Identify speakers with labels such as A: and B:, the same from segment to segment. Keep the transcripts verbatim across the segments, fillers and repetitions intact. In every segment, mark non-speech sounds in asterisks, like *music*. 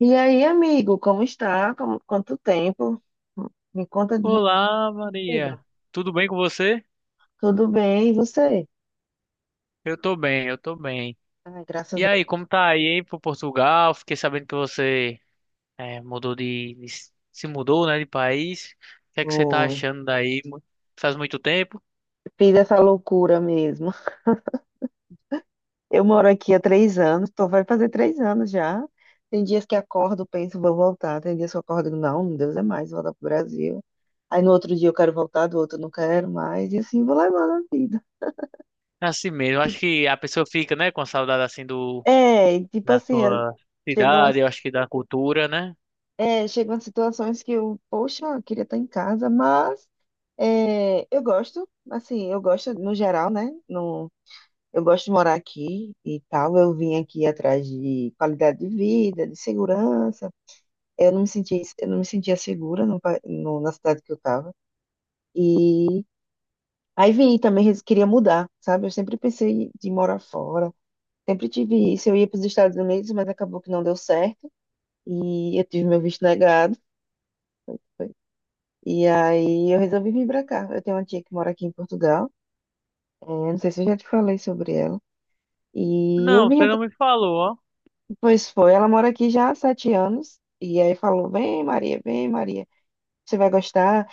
A: E aí, amigo, como está? Como, quanto tempo? Me conta de
B: Olá,
A: vida.
B: Maria. Tudo bem com você?
A: Tudo bem, e você?
B: Eu tô bem, eu tô bem.
A: Ai, graças a
B: E aí, como tá aí, hein, pro Portugal? Fiquei sabendo que você eh, mudou de, de- se mudou, né, de país. O que é que você tá
A: Deus.
B: achando daí? Mu- Faz muito tempo?
A: Fiz essa loucura mesmo. Eu moro aqui há três anos, tô, vai fazer três anos já. Tem dias que acordo, penso, vou voltar. Tem dias que eu acordo, não, Deus é mais, vou voltar pro Brasil. Aí no outro dia eu quero voltar, do outro eu não quero mais. E assim vou levando a vida.
B: É assim mesmo. Acho
A: Tipo,
B: que a pessoa fica, né, com saudade assim do
A: é, tipo
B: da
A: assim, é,
B: sua
A: chegam
B: cidade, eu acho que da cultura, né?
A: é, chegam situações que eu, poxa, eu queria estar em casa, mas é, eu gosto, assim, eu gosto no geral, né? No, eu gosto de morar aqui e tal. Eu vim aqui atrás de qualidade de vida, de segurança. Eu não me senti, eu não me sentia segura no, pa- no- na cidade que eu estava. E aí vim e também res- queria mudar, sabe? Eu sempre pensei de morar fora. Sempre tive isso. Eu ia para os Estados Unidos, mas acabou que não deu certo. E eu tive meu visto negado. E aí eu resolvi vir pra cá. Eu tenho uma tia que mora aqui em Portugal. É, não sei se eu já te falei sobre ela. E eu
B: Não,
A: vim,
B: você
A: atra-
B: não me falou, ó.
A: pois foi, ela mora aqui já há sete anos. E aí falou: vem, Maria, vem, Maria. Você vai gostar?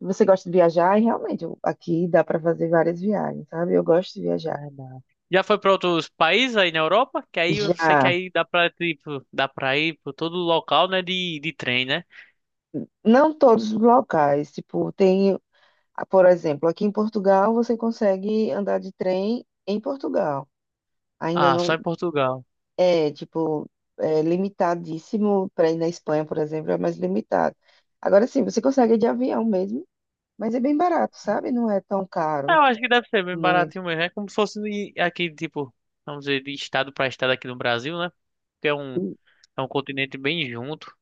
A: Você gosta de viajar? E realmente, eu- aqui dá pra fazer várias viagens, sabe? Eu gosto de viajar.
B: Verdade. Já foi para outros países aí na Europa? Que aí eu sei que
A: Já,
B: aí dá pra, tipo, dá pra ir para todo local, né, de, de trem, né?
A: não todos os locais. Tipo, tem, por exemplo, aqui em Portugal você consegue andar de trem em Portugal. Ainda
B: Ah, só
A: não.
B: em Portugal.
A: É, tipo, é limitadíssimo para ir na Espanha, por exemplo, é mais limitado. Agora sim, você consegue ir de avião mesmo, mas é bem barato, sabe? Não é tão
B: Ah,
A: caro,
B: eu acho que deve ser bem
A: muito.
B: baratinho mesmo. É como se fosse de- aqui, tipo, vamos dizer, de estado para estado aqui no Brasil, né? Que é um, é um continente bem junto.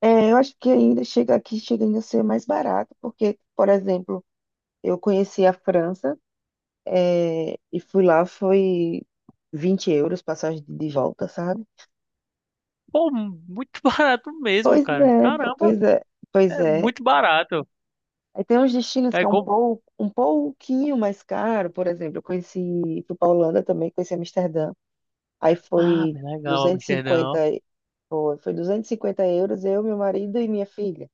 A: É, eu acho que ainda chega aqui, chega ainda a ser mais barato, porque, por exemplo, eu conheci a França, é, e fui lá, foi vinte euros passagem de de volta, sabe?
B: Pô, muito *laughs* barato mesmo,
A: Pois
B: cara.
A: é,
B: Caramba,
A: pois é, pois
B: é
A: é.
B: muito barato.
A: Aí tem uns destinos que
B: É
A: é um
B: como...
A: pouco, um pouquinho mais caro, por exemplo, eu conheci, fui para Holanda também, conheci Amsterdã. Aí
B: Ah,
A: foi
B: bem legal, Amsterdão.
A: duzentos e cinquenta, e- cinquenta, e- foi, foi duzentos e cinquenta euros, eu, meu marido e minha filha.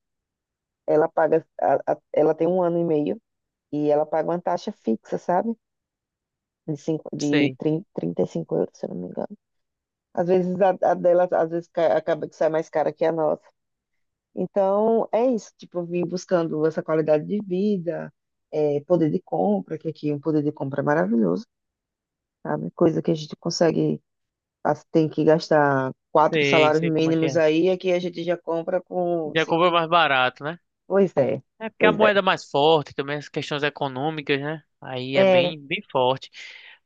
A: Ela paga, a- a- Ela tem um ano e meio e ela paga uma taxa fixa, sabe? De, cinco, de
B: Sei,
A: trinta, trinta e cinco euros, se eu não me engano. Às vezes a, a dela, às vezes ca- acaba que sai mais cara que a nossa. Então, é isso, tipo, eu vim buscando essa qualidade de vida, é, poder de compra, que aqui o poder de compra é maravilhoso, sabe? Coisa que a gente consegue, a- tem que gastar quatro
B: sei,
A: salários
B: sei como é que
A: mínimos
B: é.
A: aí, aqui a gente já compra com cinco.
B: Jacob é mais barato, né?
A: Pois é,
B: É porque a
A: pois é.
B: moeda é mais forte também, as questões econômicas, né? Aí é
A: É,
B: bem, bem forte.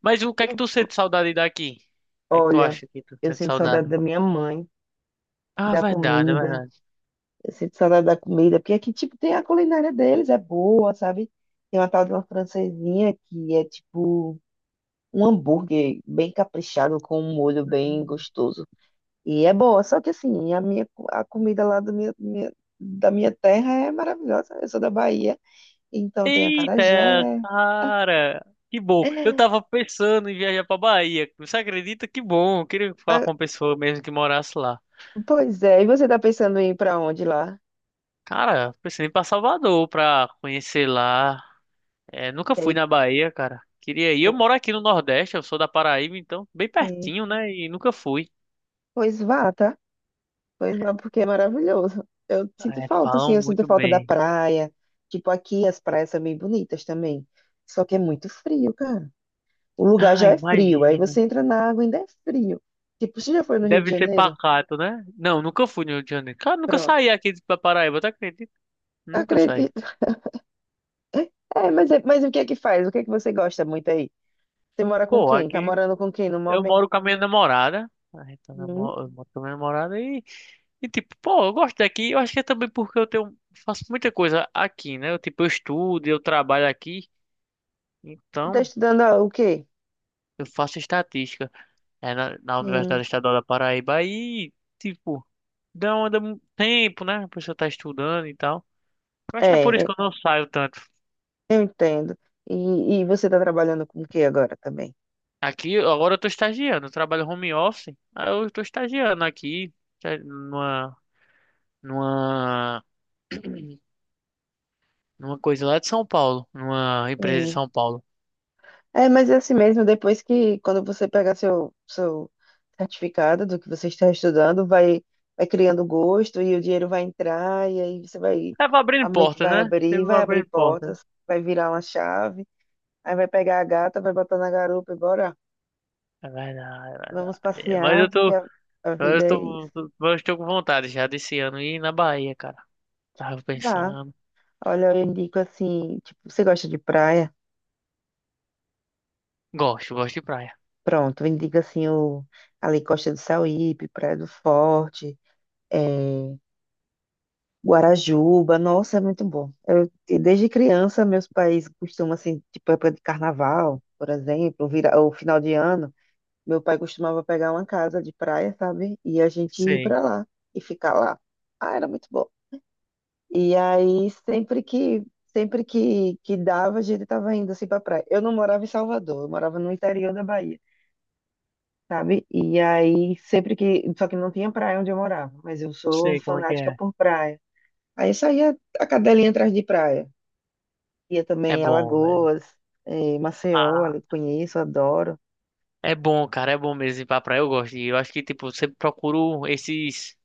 B: Mas o que é que
A: e
B: tu sente saudade daqui? O que é que tu
A: olha,
B: acha que tu
A: eu
B: sente
A: sinto
B: saudade?
A: saudade da minha mãe,
B: Ah,
A: da
B: verdade, é
A: comida,
B: verdade.
A: eu sinto saudade da comida, porque aqui, tipo, tem a culinária deles, é boa, sabe? Tem uma tal de uma francesinha que é, tipo, um hambúrguer bem caprichado com um molho bem
B: Hum.
A: gostoso. E é boa, só que assim, a minha co- a comida lá da minha, minha- da minha terra é maravilhosa. Eu sou da Bahia, então tem
B: Eita,
A: acarajé.
B: cara, que bom. Eu tava pensando em viajar pra Bahia. Você acredita? Que bom. Eu queria falar
A: Ah,
B: com uma pessoa mesmo que morasse lá.
A: pois é, e você tá pensando em ir pra onde lá?
B: Cara, pensei em ir pra Salvador pra conhecer lá. É, nunca
A: E
B: fui
A: aí,
B: na Bahia, cara. Queria ir. Eu
A: pô,
B: moro aqui no Nordeste, eu sou da Paraíba, então bem
A: sim.
B: pertinho, né? E nunca fui.
A: Pois vá, tá? Pois vá, porque é maravilhoso. Eu sinto
B: É,
A: falta, assim,
B: falam
A: eu sinto
B: muito
A: falta da
B: bem.
A: praia. Tipo, aqui as praias são bem bonitas também. Só que é muito frio, cara. O lugar
B: Ah,
A: já é frio. Aí
B: imagino.
A: você entra na água e ainda é frio. Tipo, você já foi no Rio de
B: Deve ser
A: Janeiro?
B: pacato, né? Não, nunca fui no Rio de Janeiro. Cara, nunca
A: Pronto.
B: saí aqui da Paraíba, tá, acredita? Nunca saí.
A: Acredito. É, mas, é- mas o que é que faz? O que é que você gosta muito aí? Você mora com
B: Pô,
A: quem? Tá
B: aqui
A: morando com quem no
B: eu
A: momento?
B: moro com a minha namorada. A gente tá
A: Hum?
B: namo- Eu moro com a minha namorada e, e tipo, pô, eu gosto daqui. Eu acho que é também porque eu tenho, faço muita coisa aqui, né? Eu, tipo, eu estudo, eu trabalho aqui.
A: Você tá
B: Então,
A: estudando, ah, o quê?
B: eu faço estatística é, na, na
A: Sim.
B: Universidade Estadual da Paraíba. E, tipo, dá um, dá um tempo, né? A pessoa tá estudando e tal. Eu acho que é por
A: É,
B: isso
A: é,
B: que eu não saio tanto.
A: eu entendo. E, e você tá trabalhando com o quê agora também?
B: Aqui, agora eu tô estagiando. Eu trabalho home office. Aí eu tô estagiando aqui, tá, numa, numa numa coisa lá de São Paulo, numa empresa de São Paulo.
A: É, mas é assim mesmo, depois que, quando você pegar seu, seu certificado do que você está estudando, vai, vai criando gosto e o dinheiro vai entrar, e aí você vai,
B: É, vai
A: a
B: abrindo
A: mente
B: porta,
A: vai
B: né?
A: abrir,
B: Sempre vai
A: vai abrir
B: abrindo porta, né?
A: portas, vai virar uma chave, aí vai pegar a gata, vai botar na garupa e bora,
B: É verdade, é
A: vamos
B: verdade. É, mas eu
A: passear, porque
B: tô,
A: a, a vida
B: eu
A: é
B: tô,
A: isso.
B: eu estou com vontade já desse ano ir na Bahia, cara. Tava
A: Vá,
B: pensando.
A: olha, eu indico assim, tipo, você gosta de praia?
B: Gosto, gosto de praia.
A: Pronto, eu indico assim, o, ali Costa do Sauípe, Praia do Forte, eh, Guarajuba, nossa, é muito bom. Eu, e desde criança, meus pais costumam, assim, tipo, época de carnaval, por exemplo, vira, ou final de ano, meu pai costumava pegar uma casa de praia, sabe? E a gente ir
B: Sei,
A: pra lá e ficar lá. Ah, era muito bom. E aí, sempre que, sempre que, que dava, a gente tava indo, assim, pra praia. Eu não morava em Salvador, eu morava no interior da Bahia, sabe? E aí, sempre que... Só que não tinha praia onde eu morava, mas eu sou
B: sei como é que
A: fanática
B: é.
A: por praia. Aí saía a cadelinha atrás de praia. Ia também
B: É
A: em
B: bom, velho.
A: Alagoas, eh, Maceió,
B: Ah,
A: ali conheço, adoro.
B: é bom, cara, é bom mesmo ir pra praia. Eu gosto de ir. Eu acho que, tipo, eu sempre procuro esses.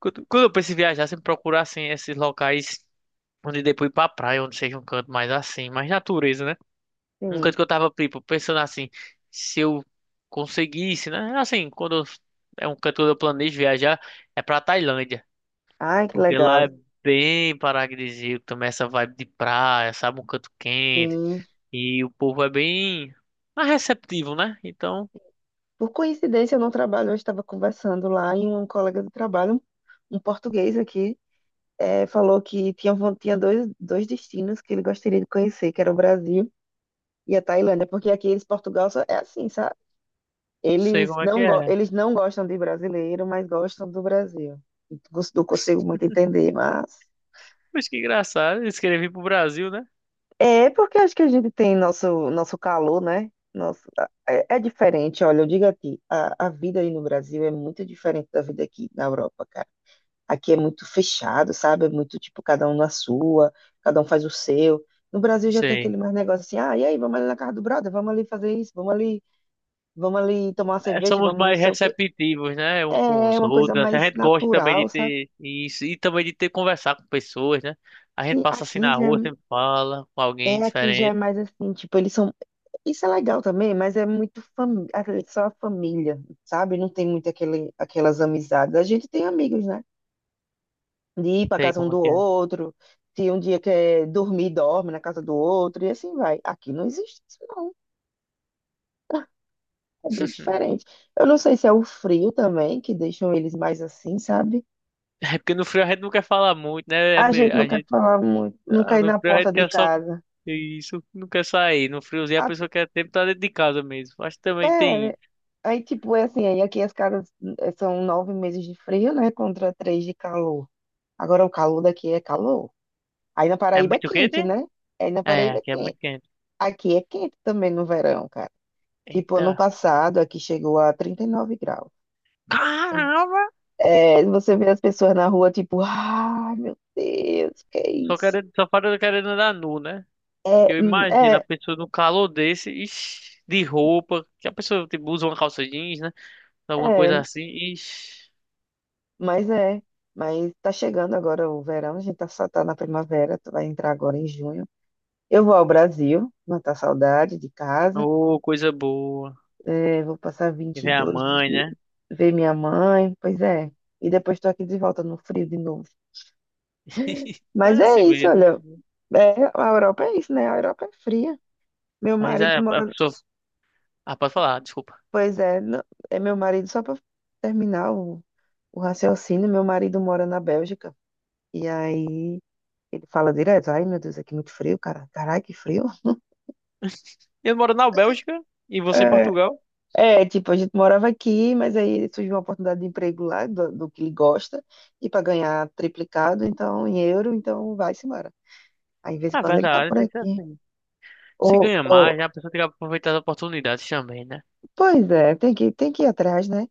B: Quando quando eu penso em viajar, sempre procuro, assim, esses locais onde depois ir pra praia, onde seja um canto mais assim, mais natureza, né? Um
A: Sim.
B: canto que eu tava, tipo, pensando assim, se eu conseguisse, né? Assim, quando eu- é um canto que eu planejo viajar, é pra Tailândia.
A: Ai, que
B: Porque lá é
A: legal.
B: bem paradisíaco, também essa vibe de praia, sabe? Um canto quente.
A: Sim.
B: E o povo é bem mais receptivo, né? Então,
A: Por coincidência, eu não trabalho, eu estava conversando lá e um colega do trabalho, um português aqui, eh, falou que tinha, von- tinha dois, dois destinos que ele gostaria de conhecer, que era o Brasil e a Tailândia, porque aqui eles, Portugal, só é assim, sabe?
B: sei
A: Eles
B: como é que
A: não, go-
B: é.
A: eles não gostam de brasileiro, mas gostam do Brasil. Não consigo muito entender, mas
B: Mas que engraçado, eles querem vir pro Brasil, né?
A: é porque acho que a gente tem nosso, nosso calor, né? Nosso, é, é diferente, olha, eu digo a ti, a, a vida aí no Brasil é muito diferente da vida aqui na Europa, cara. Aqui é muito fechado, sabe? É muito tipo, cada um na sua, cada um faz o seu. No Brasil já tem aquele
B: Sei.
A: mais negócio assim, ah, e aí, vamos ali na casa do brother, vamos ali fazer isso, vamos ali, vamos ali tomar uma
B: É,
A: cerveja,
B: somos
A: vamos não
B: mais
A: sei o quê.
B: receptivos, né? Um com
A: É
B: os
A: uma coisa
B: outros. Assim, a
A: mais
B: gente gosta também
A: natural,
B: de
A: sabe?
B: ter isso e também de ter conversar com pessoas, né? A gente
A: Sim,
B: passa assim
A: aqui
B: na
A: já
B: rua, sempre fala com
A: é,
B: alguém
A: é, aqui já é
B: diferente,
A: mais assim, tipo, eles são isso é legal também, mas é muito fami- aquele- só a família, sabe? Não tem muito aquele, aquelas amizades. A gente tem amigos, né? De ir
B: não
A: para
B: sei
A: casa um
B: como é
A: do
B: que é.
A: outro, se um dia quer dormir, dorme na casa do outro, e assim vai. Aqui não existe isso, não. É bem
B: *laughs*
A: diferente. Eu não sei se é o frio também, que deixam eles mais assim, sabe?
B: É porque no frio a gente não quer falar muito, né? É
A: A
B: meio,
A: gente
B: a
A: não quer
B: gente,
A: falar muito, não
B: ah,
A: quer ir
B: no
A: na
B: frio a
A: porta
B: gente
A: de
B: quer só
A: casa.
B: isso, não quer sair. No friozinho a
A: A-
B: pessoa quer tempo estar dentro de casa mesmo. Acho que também tem
A: É,
B: isso.
A: aí tipo, é assim, aí aqui as casas eh, são nove meses de frio, né? Contra três de calor. Agora o calor daqui é calor. Aí na
B: É
A: Paraíba é
B: muito quente?
A: quente, né? Aí na
B: É,
A: Paraíba é
B: aqui é
A: quente.
B: muito quente.
A: Aqui é quente também no verão, cara. Tipo, ano
B: Eita.
A: passado aqui chegou a trinta e nove graus.
B: Caramba!
A: É, você vê as pessoas na rua, tipo, ai meu Deus, que é
B: Só
A: isso?
B: querendo, só falta querendo andar nu, né?
A: É,
B: Eu
A: hum,
B: imagino a
A: é,
B: pessoa no calor desse, ixi, de roupa, que a pessoa tipo, usa uma calça jeans, né? Alguma coisa
A: é,
B: assim, ixi,
A: mas é. Mas tá chegando agora o verão, a gente tá, só tá na primavera, tu vai entrar agora em junho. Eu vou ao Brasil, matar saudade de casa.
B: ô, coisa boa.
A: É, vou passar
B: E
A: vinte e
B: vem a
A: dois
B: mãe,
A: de
B: né?
A: ver minha mãe, pois é. E depois estou aqui de volta no frio de novo.
B: *laughs* Mas
A: Mas
B: é
A: é
B: assim
A: isso,
B: mesmo.
A: olha. É, a Europa é isso, né? A Europa é fria. Meu
B: Mas é,
A: marido
B: a
A: mora.
B: pessoa. Ah, pode falar, desculpa.
A: Pois é, não- é meu marido, só para terminar o, o raciocínio, meu marido mora na Bélgica. E aí ele fala direto: Ai, meu Deus, aqui é muito frio, cara. Caralho, que frio.
B: *laughs* Eu moro na Bélgica e você em
A: É.
B: Portugal.
A: É, tipo, a gente morava aqui, mas aí surgiu uma oportunidade de emprego lá, do, do que ele gosta, e para ganhar triplicado, então, em euro, então vai-se embora. Aí, de vez em
B: Ah,
A: quando, ele tá
B: verdade,
A: por
B: tem que ser
A: aqui.
B: assim. Se
A: Ô,
B: ganha
A: ô,
B: mais, né? A pessoa tem que aproveitar as oportunidades também, né?
A: pois é, tem que, tem que ir atrás, né?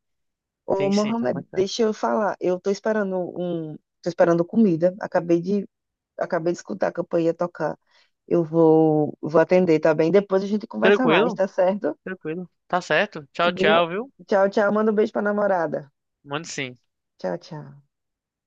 A: Ô,
B: Tem sim, tá
A: Mohamed,
B: mais certo.
A: deixa eu falar, eu tô esperando um, tô esperando comida, acabei de, acabei de escutar a campainha tocar. Eu vou, vou atender, tá bem? Depois a gente conversa mais,
B: Tranquilo?
A: tá certo?
B: Tranquilo. Tá certo. Tchau,
A: Viu?
B: tchau, viu?
A: Tchau, tchau, manda um beijo pra namorada.
B: Mande sim.
A: Tchau, tchau.